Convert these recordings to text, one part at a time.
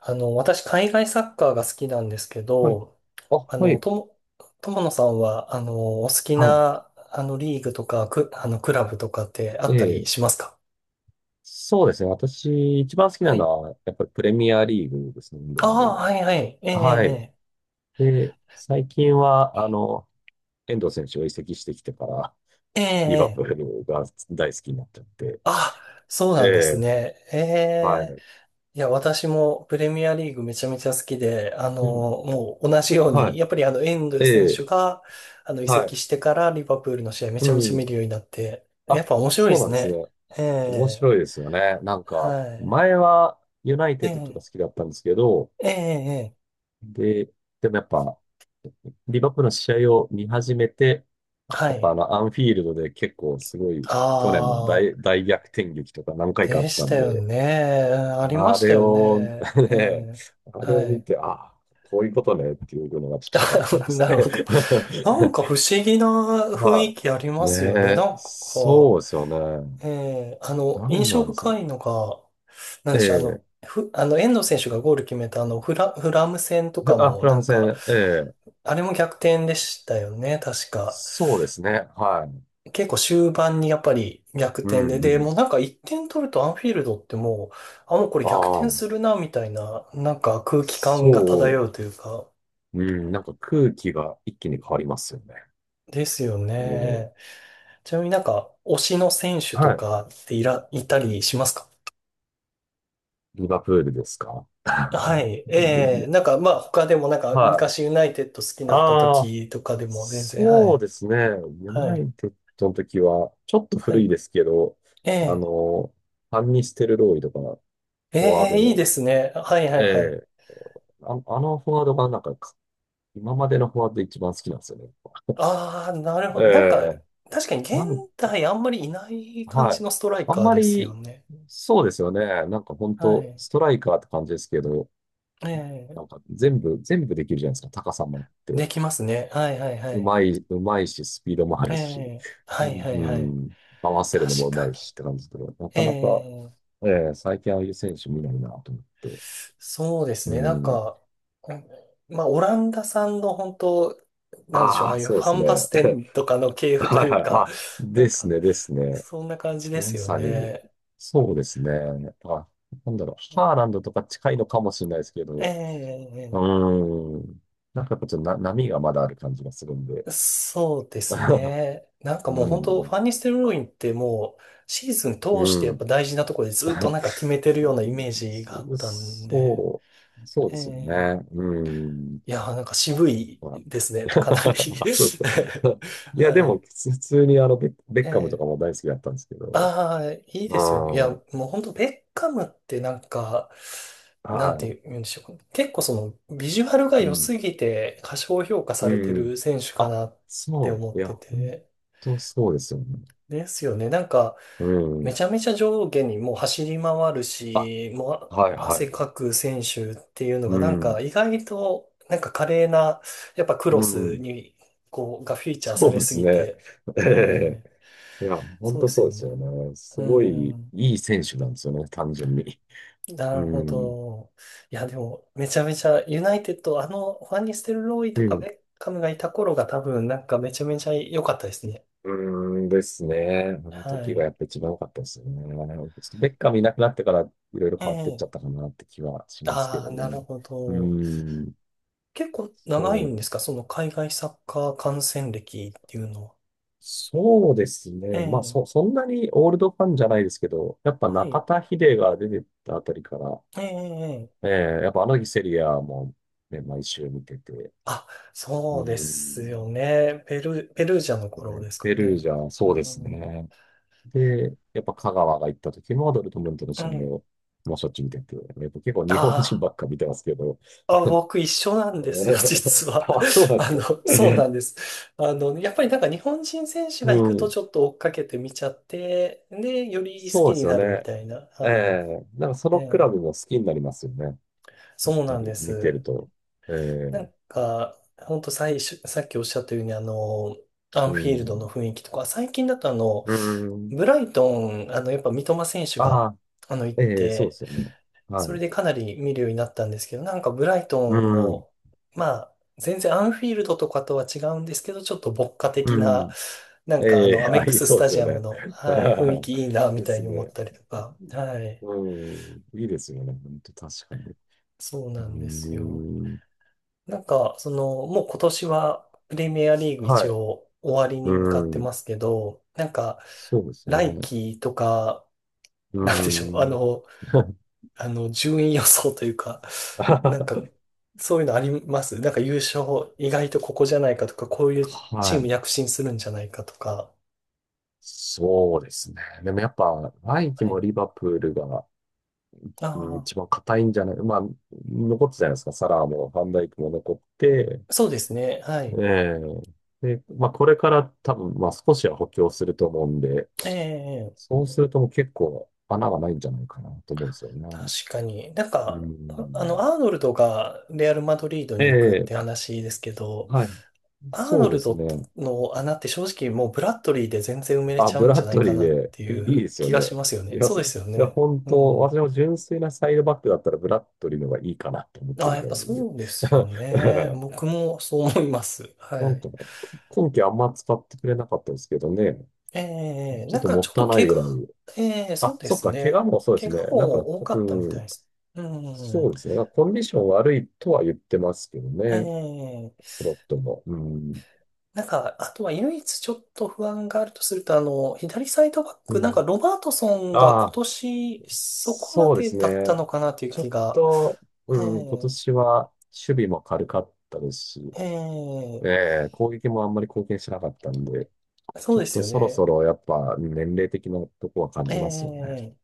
私、海外サッカーが好きなんですけはい。ど、あ、あはの、い。とも、友野さんは、お好きはな、リーグとか、く、あの、クラブとかってあい。えったりえ。しますか？そうですね。私、一番好きはない。のは、やっぱりプレミアリーグですね、イングあランドあ、はが。いはい。えはい。え、で、最近は、遠藤選手を移籍してきてから、ええ、えリバプーえ。ええ、ルが大好きになっちゃって。あ、そうえなんですえ、ね。えはえ。い。いや、私もプレミアリーグめちゃめちゃ好きで、うん。もう同じようはに、い。やっぱり遠藤え選手え、が、移は籍い。してからリバプールの試合めうちゃめちゃん。見るようになって、やっあ、ぱ面白いでそうなすんですね。ね。え面え。白いですよね。なんか、はい。前はユナイテえッドとか好え、きだったんですけど、ええ、ええ、で、でもやっぱ、リバプールの試合を見始めて、やはっぱい。アンフィールドで結構すごい、去年もああ、大逆転劇とか何回かあでっしたんたよで、ね。うん、ありまあしたれよを、ね。えね、え、あれはを見い。て、ああ、こういうことねっていうのがちょっと分かった感じで なするね。ほど。なんか不思議な 雰囲まあ、気ありますよね。なねんえ、か、そうですよね。ええ、なん印象なんですか。深いのが、なんえでしょう、あえ、の、ふ、あの、遠藤選手がゴール決めたフラム戦とかも、フなランんスか、戦、ええ、あれも逆転でしたよね、確か。そうですね。はい。結構終盤にやっぱり逆う転で、ん、うで、もうん。なんか1点取るとアンフィールドってもう、あ、もうこれあ逆転あ、するな、みたいな、なんか空気感がそう。漂うというか、うん、なんか空気が一気に変わりますよね。ですよもね。ちなみになんか、推しの選手うとはい。かっていたりしますか？リバプールですか。はい。ええ、で、なんかまあ他でもなんかはい。昔ユナイテッド好きになったああ、時とかでも全然、はそうい。ですね。ユはナい。イテッドの時は、ちょっと古いはですけど、い。えあえ、の、ファンニステルローイとか、えフォワードえ、いいの、ですね。はいはえいはい。えあ、あのフォワードがなんか、今までのフォワードで一番好きなんですよね。ああ、なるえほど。なんか、え確かに現なん、代あんまりいない感はじい。のストライあんカーまですより、ね。そうですよね。なんか本は当い。ストライカーって感じですけど、ええ、全部できるじゃないですか、高さもあっでて。きますね。はいはいはい。うまいし、スピードもあえるし、え、はういはいはい。ん、合わせるのも確うまかいに。しって感じで、なえかなか、え、ええ最近ああいう選手見ないなと思って。そうですうね。なんん。か、うん、まあ、オランダさんの本当、なんでしょう、ああああ、いうそうフでァすンバスね。テンとかの系 譜とはいいはうい。か、あ、なでんすか、ね、ですね。そんな感じでますよさに、ね。そうですね。あ、なんだろう。ハーランドとか近いのかもしれないですけえど、うえ、ーん。なんかやっぱちょっとな波がまだある感じがするんで。そうです ね。なんかもうう本当フん。ァンニステルロインってもう、シーズン通うしてやっん。ぱ大事なところでずっと なんか決めてるようなイメージがそあったんで、そそうえですよえ、ね。うん。いやー、なんか渋いまですね、あ かなり そうですか。いや、はでも、い。普通にベッカムとええ、かも大好きだったんですけど。ああ、いいまですよね。いや、あ、もう本当ベッカムってなんか、なんはい。て言うんでしょうか。結構その、ビジュアルがう良ん。すぎて過小評価さうれてん。る選手かあ、なってそ思う。っいや、て本て。当そうですよね。ですよね。なんか、うめん。ちゃめちゃ上下にもう走り回るあ、し、もう、はい、あ、は汗い。かく選手っていうのがうなんかん。意外となんか華麗な、やっぱクうロスん。にこうがフィーチャーさそうれですすぎね。て、えええ、えいや、本そうで当すそうでよすね。よね。すうごいん、いい選手なんですよね、単純に。なうるほん。ど。いやでもめちゃめちゃユナイテッド、あのファンニステルローイうとかベん。ッカムがいた頃が多分なんかめちゃめちゃ良かったですね。うーんですね。あのは時がい。やっぱ一番良かったですよね。ちょっとベッカムいなくなってからいろいろ変わってっちゃええ、ったかなって気はしますけああ、どなるね。ほうーど。ん。結構そ長いんでう、すか？その海外サッカー観戦歴っていうのは。そうですえね。まあ、え、そんなにオールドファンじゃないですけど、やっぱは中い。田秀が出てたあたりから、ええ、えええ、えやっぱあの日セリアも、ね、毎週見てて、あ、うそうでーすよん。ね。ペルージでャすの頃ね。ですかペルージね。ャ、うそうですん。ね。で、やっぱ香川が行った時もドルトムントのう試合ん。をもうしょっちゅう見てて、やっぱ結構日本人あばっか見てますけど。あ、あ、僕一緒なんですよ、実 は。あ、そうな んですか。そうなんです。やっぱりなんか日本人選手がう行くとん。ちょっと追っかけて見ちゃって、で、より好そうきでにすよなるみね。たいな。えはい。えなんかそえのクラえ、ブも好きになりますよね。やっそうぱなんりで見てるす。と。えなえんか、ほんと最初、さっきおっしゃったように、アうンフィールドのん。雰囲気とか、最近だとうん。ブライトン、やっぱ三笘選手あが、あ、行っええそうでて、すよね。はそれい。でかなり見るようになったんですけど、なんかブライトうンん。の、まあ、全然アンフィールドとかとは違うんですけど、ちょっと牧歌う的な、ん。なんかあえの、えアメッあ、クいい、ススそうでタすジよアムね。の、はい、雰囲 気いいな、みでたいすに思っね。たりとか、はい、うん、いいですよね。本当確かに。そううーなんですよ。ん。なんか、その、もう今年はプレミアリーグは一い。応終わりに向かっうてーん。ますけど、なんか、そうです来ね。季とか、う なんーでしょう、ん。順位予想というか、なんか、そういうのあります？なんか優勝、意外とここじゃないかとか、こういうチーはムい。躍進するんじゃないかとか。そうですね。でもやっぱ、来季はもい。リバプールが、あうん、あ、一番硬いんじゃない、まあ、残ったじゃないですか。サラーもファンダイクも残って、そうですね。はい。ええで、まあ、これから多分、まあ、少しは補強すると思うんで、ええ、そうするともう結構穴がないんじゃないかなと思うんですよね。確かに。なんうか、ん。アーノルドがレアル・マドリードに行くっええて話ですけど、はい。アーノそうでルすドね。の穴って正直もうブラッドリーで全然埋めれあ、ちゃブうんラッじゃないドかリーなっで、ていいいうです気よがしね。ますよいね。や、そうそでういすよや、ね。本う当、ん。私も純粋なサイドバックだったらブラッドリーの方がいいかなと思ってあ、るやっぐらぱいなんで。そうですよね。僕もそう思います。はなんい。か、今季あんま使ってくれなかったですけどね。ちょなっんとかもちょっったいとな怪い我、ぐらい。そうあ、でそっすか、怪我ね。もそうです怪我ね。なんかも多こ、かったみうたいん、です。うそん。うですね。コンディション悪いとは言ってますけどえね。ー、スロットも。うん。なんか、あとは唯一ちょっと不安があるとすると、左サイドバッうク、なんん。かロバートソンがあ今あ。年そこまそうでですだったね。のかなというちょ気っが、と、うえん、今え、年は守備も軽かったですし、えええ攻撃もあんまり貢献しなかったんで、え、そちうょっですとよそろね。そろやっぱ年齢的なとこは感えじますよね。え、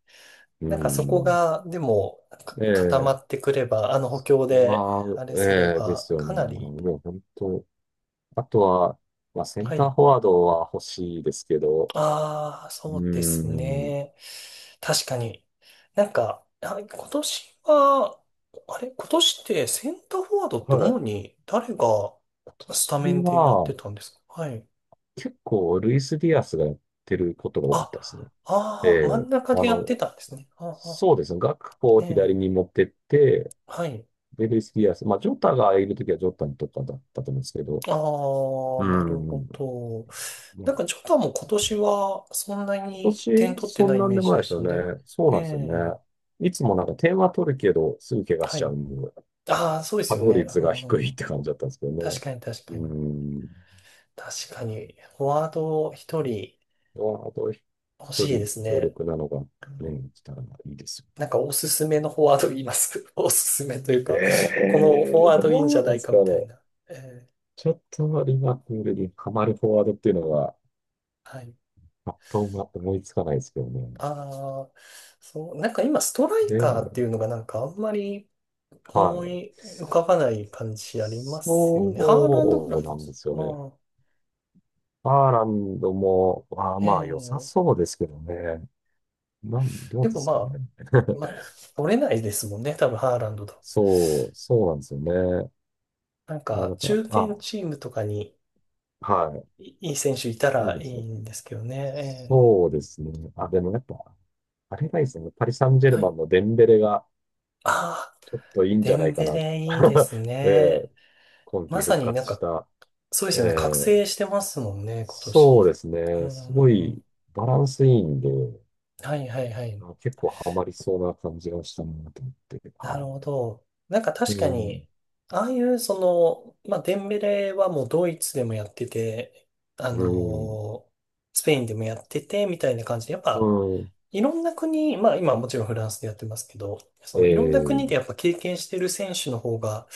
うなんかそこん。が、でも、固まええってくれば、あの補強で、まあ、あれすれええでば、すよね。かなり、もう本当、あとは、まあ、センはターい。フォワードは欲しいですけど、ああ、うそうですん、ね。確かに。なんか、あ、今年は、あれ、今年ってセンターフォワードっては主い。に誰が今スタメ年ンでやっはてたんですか？はい。結構ルイス・ディアスがやってることが多かっあ、たですね。えああ、真んえ、中でやってたんですね。ああ、そうですね。学校をえ左え。に持ってって、はい。で、ルイス・ディアス。まあ、ジョタがいるときはジョタにとかだったと思うんですけど。ああ、うなるほん。ど。まなんあ、か、ジョタも今年はそんな今に点年、取ってそんないイなんメーでもジないでですしよたね。ね。そうえなんですよえ、ね。いつもなんか点は取るけど、すぐ怪我しはちゃい。うんで、ああ、そうです稼よ働ね。率うが低いっん、て感じだったんですけど確ね。かに、確かうに。ん。確かに、フォワード一人まあと、欲一しいで人す強ね。力なのが、うん、ね、来たらいいですよ。なんか、おすすめのフォワード言います。おすすめというえか、このフォえワーどドいいんうじゃななんでいすかかみたいね。な。ええ、ちょっとリバプールにハマるフォワードっていうのは、はい。パッと思いつかないですけどね。ああ、そう、なんか今、ストライでカーっても、いうのがなんかあんまり、は思い。い浮かばない感じありますよね。ハーランドくそらいうなでんです。すよあね。あ、ハーランドも、あーまあ良さええ、そうですけどね。なん、どでうでもすまかあ、ね。まあ、取れないですもんね。多分ハーランドと。そうなんですよね。なんまあなか、んか、中堅あ、チームとかにはいい選手いたい、いいらでいすいね。んですけどね。そうですね。あ、でもやっぱ、あれがいいですね。パリ・サンジェルええ、はマい。ンのデンベレが、ああ、ちょっといいんじデゃなンいかベなと。レいいです えね。え今ま季さ復になん活しか、た、そうでえすよね。覚ー醒してますもんね、今そうで年。すうね、すごんういん。バランスいいんで、はいはいはい。あ結構ハマりそうな感じがしたなと思って、なるはほど。なんかい。う確かに、ん、ああいうその、まあ、デンベレはもうドイツでもやってて、あうん、のースペインでもやってて、みたいな感じで、やっうぱ、ん、いろんな国、まあ今もちろんフランスでやってますけど、そえのいろんな国でー、やっぱ経験してる選手の方が、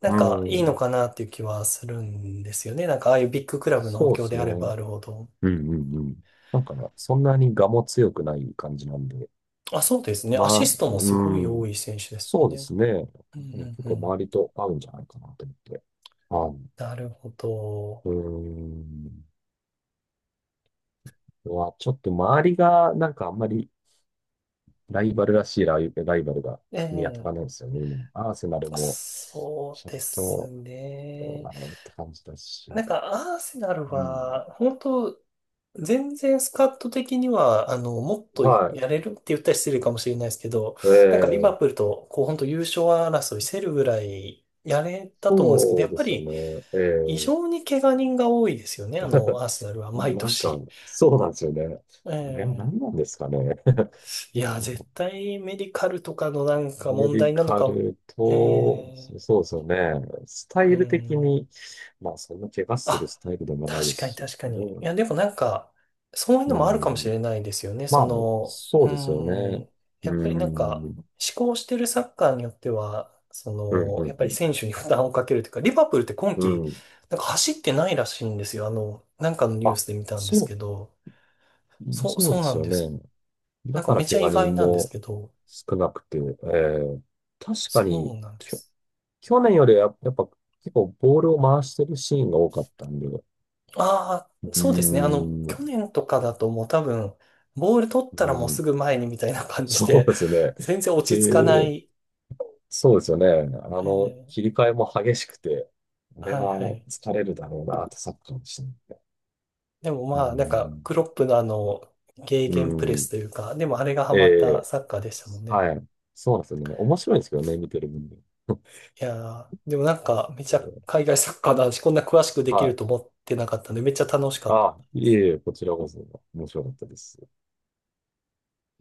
なんうかいいのん、かなっていう気はするんですよね。なんかああいうビッグクラブの補そうで強すでね。あうればあん、るほど。うん、うん。なんかね、そんなに我も強くない感じなんで、あ、そうですね。アまシあ、ストもすごいう多ん、い選手ですもそんうでね。すね。うでもん結うんう構ん。周りと合うんじゃないかなと思って。はなるほど。い。うん。は、ちょっと周りが、なんかあんまりライバルが見当たえらないんえ、ですよね、今。アーセナルも、そちうょっですと、どうね。なのって感じだし。なんか、アーセナルうん。は、本当全然スカット的には、もっとはやれるって言ったら失礼かもしれないですけど、なんかリバい。えプえールと、こう、本当優勝争いせるぐらいやれたと思うんですけど、そやうっでぱすより、ね。え異え 常に怪我人が多いですよね、あ の、アーセナルは、毎なんか、年。そうなんですよね。あれはえ何え、なんですかね。いや、絶対メディカルとかのなんかメ問ディ題なのカか、ルえと、え、そうですよね。スタイうル的ん。に、まあ、そんな怪我するあ、スタイルでもないで確すかにし、確かどに。いうや、でもなんか、そういううのもあるかもしん、れないですよね。まそあ、の、そううですよーね。ん、うやーっぱりなんか、ん。思考してるサッカーによっては、そうん、うの、やっぱりん、選手に負担をかけるというか、リバプールって今う季、ん。うん。なんか走ってないらしいんですよ。あの、なんかのニューあ、スで見たんですそけど、そう、そうそでうなすんよです。ね。なだんかかめらち怪ゃ意我外人なんですもけど、少なくて、えー、確かそに、うなんできょ、す。去年よりはやっぱ結構ボールを回してるシーンが多かったんで、うああ、ーそうですね。ん、去年とかだともう多分、ボール取ったうらもうすん。ぐ前にみたいな感じそうで、ですね。全然落ち着かなで、い。そうですよね。あの、ええ、切り替えも激しくて、あれはいははい。疲れるだろうなってサッカーでしたね。でもうまあ、なんか、ん。クロップのあの、ゲーうゲンプレスん。というか、でもあれがハえマったえサッカーでしたもんね。はい。そうなんですよね。面白いんですけどね、見てる分には。いやー、でもなんか、めちゃええ海外サッカーの話、こんな詳しくできはるい。と思ってなかったんで、めっちゃ楽しかったあ、でいす。えいえ、こちらこそ面白かったです。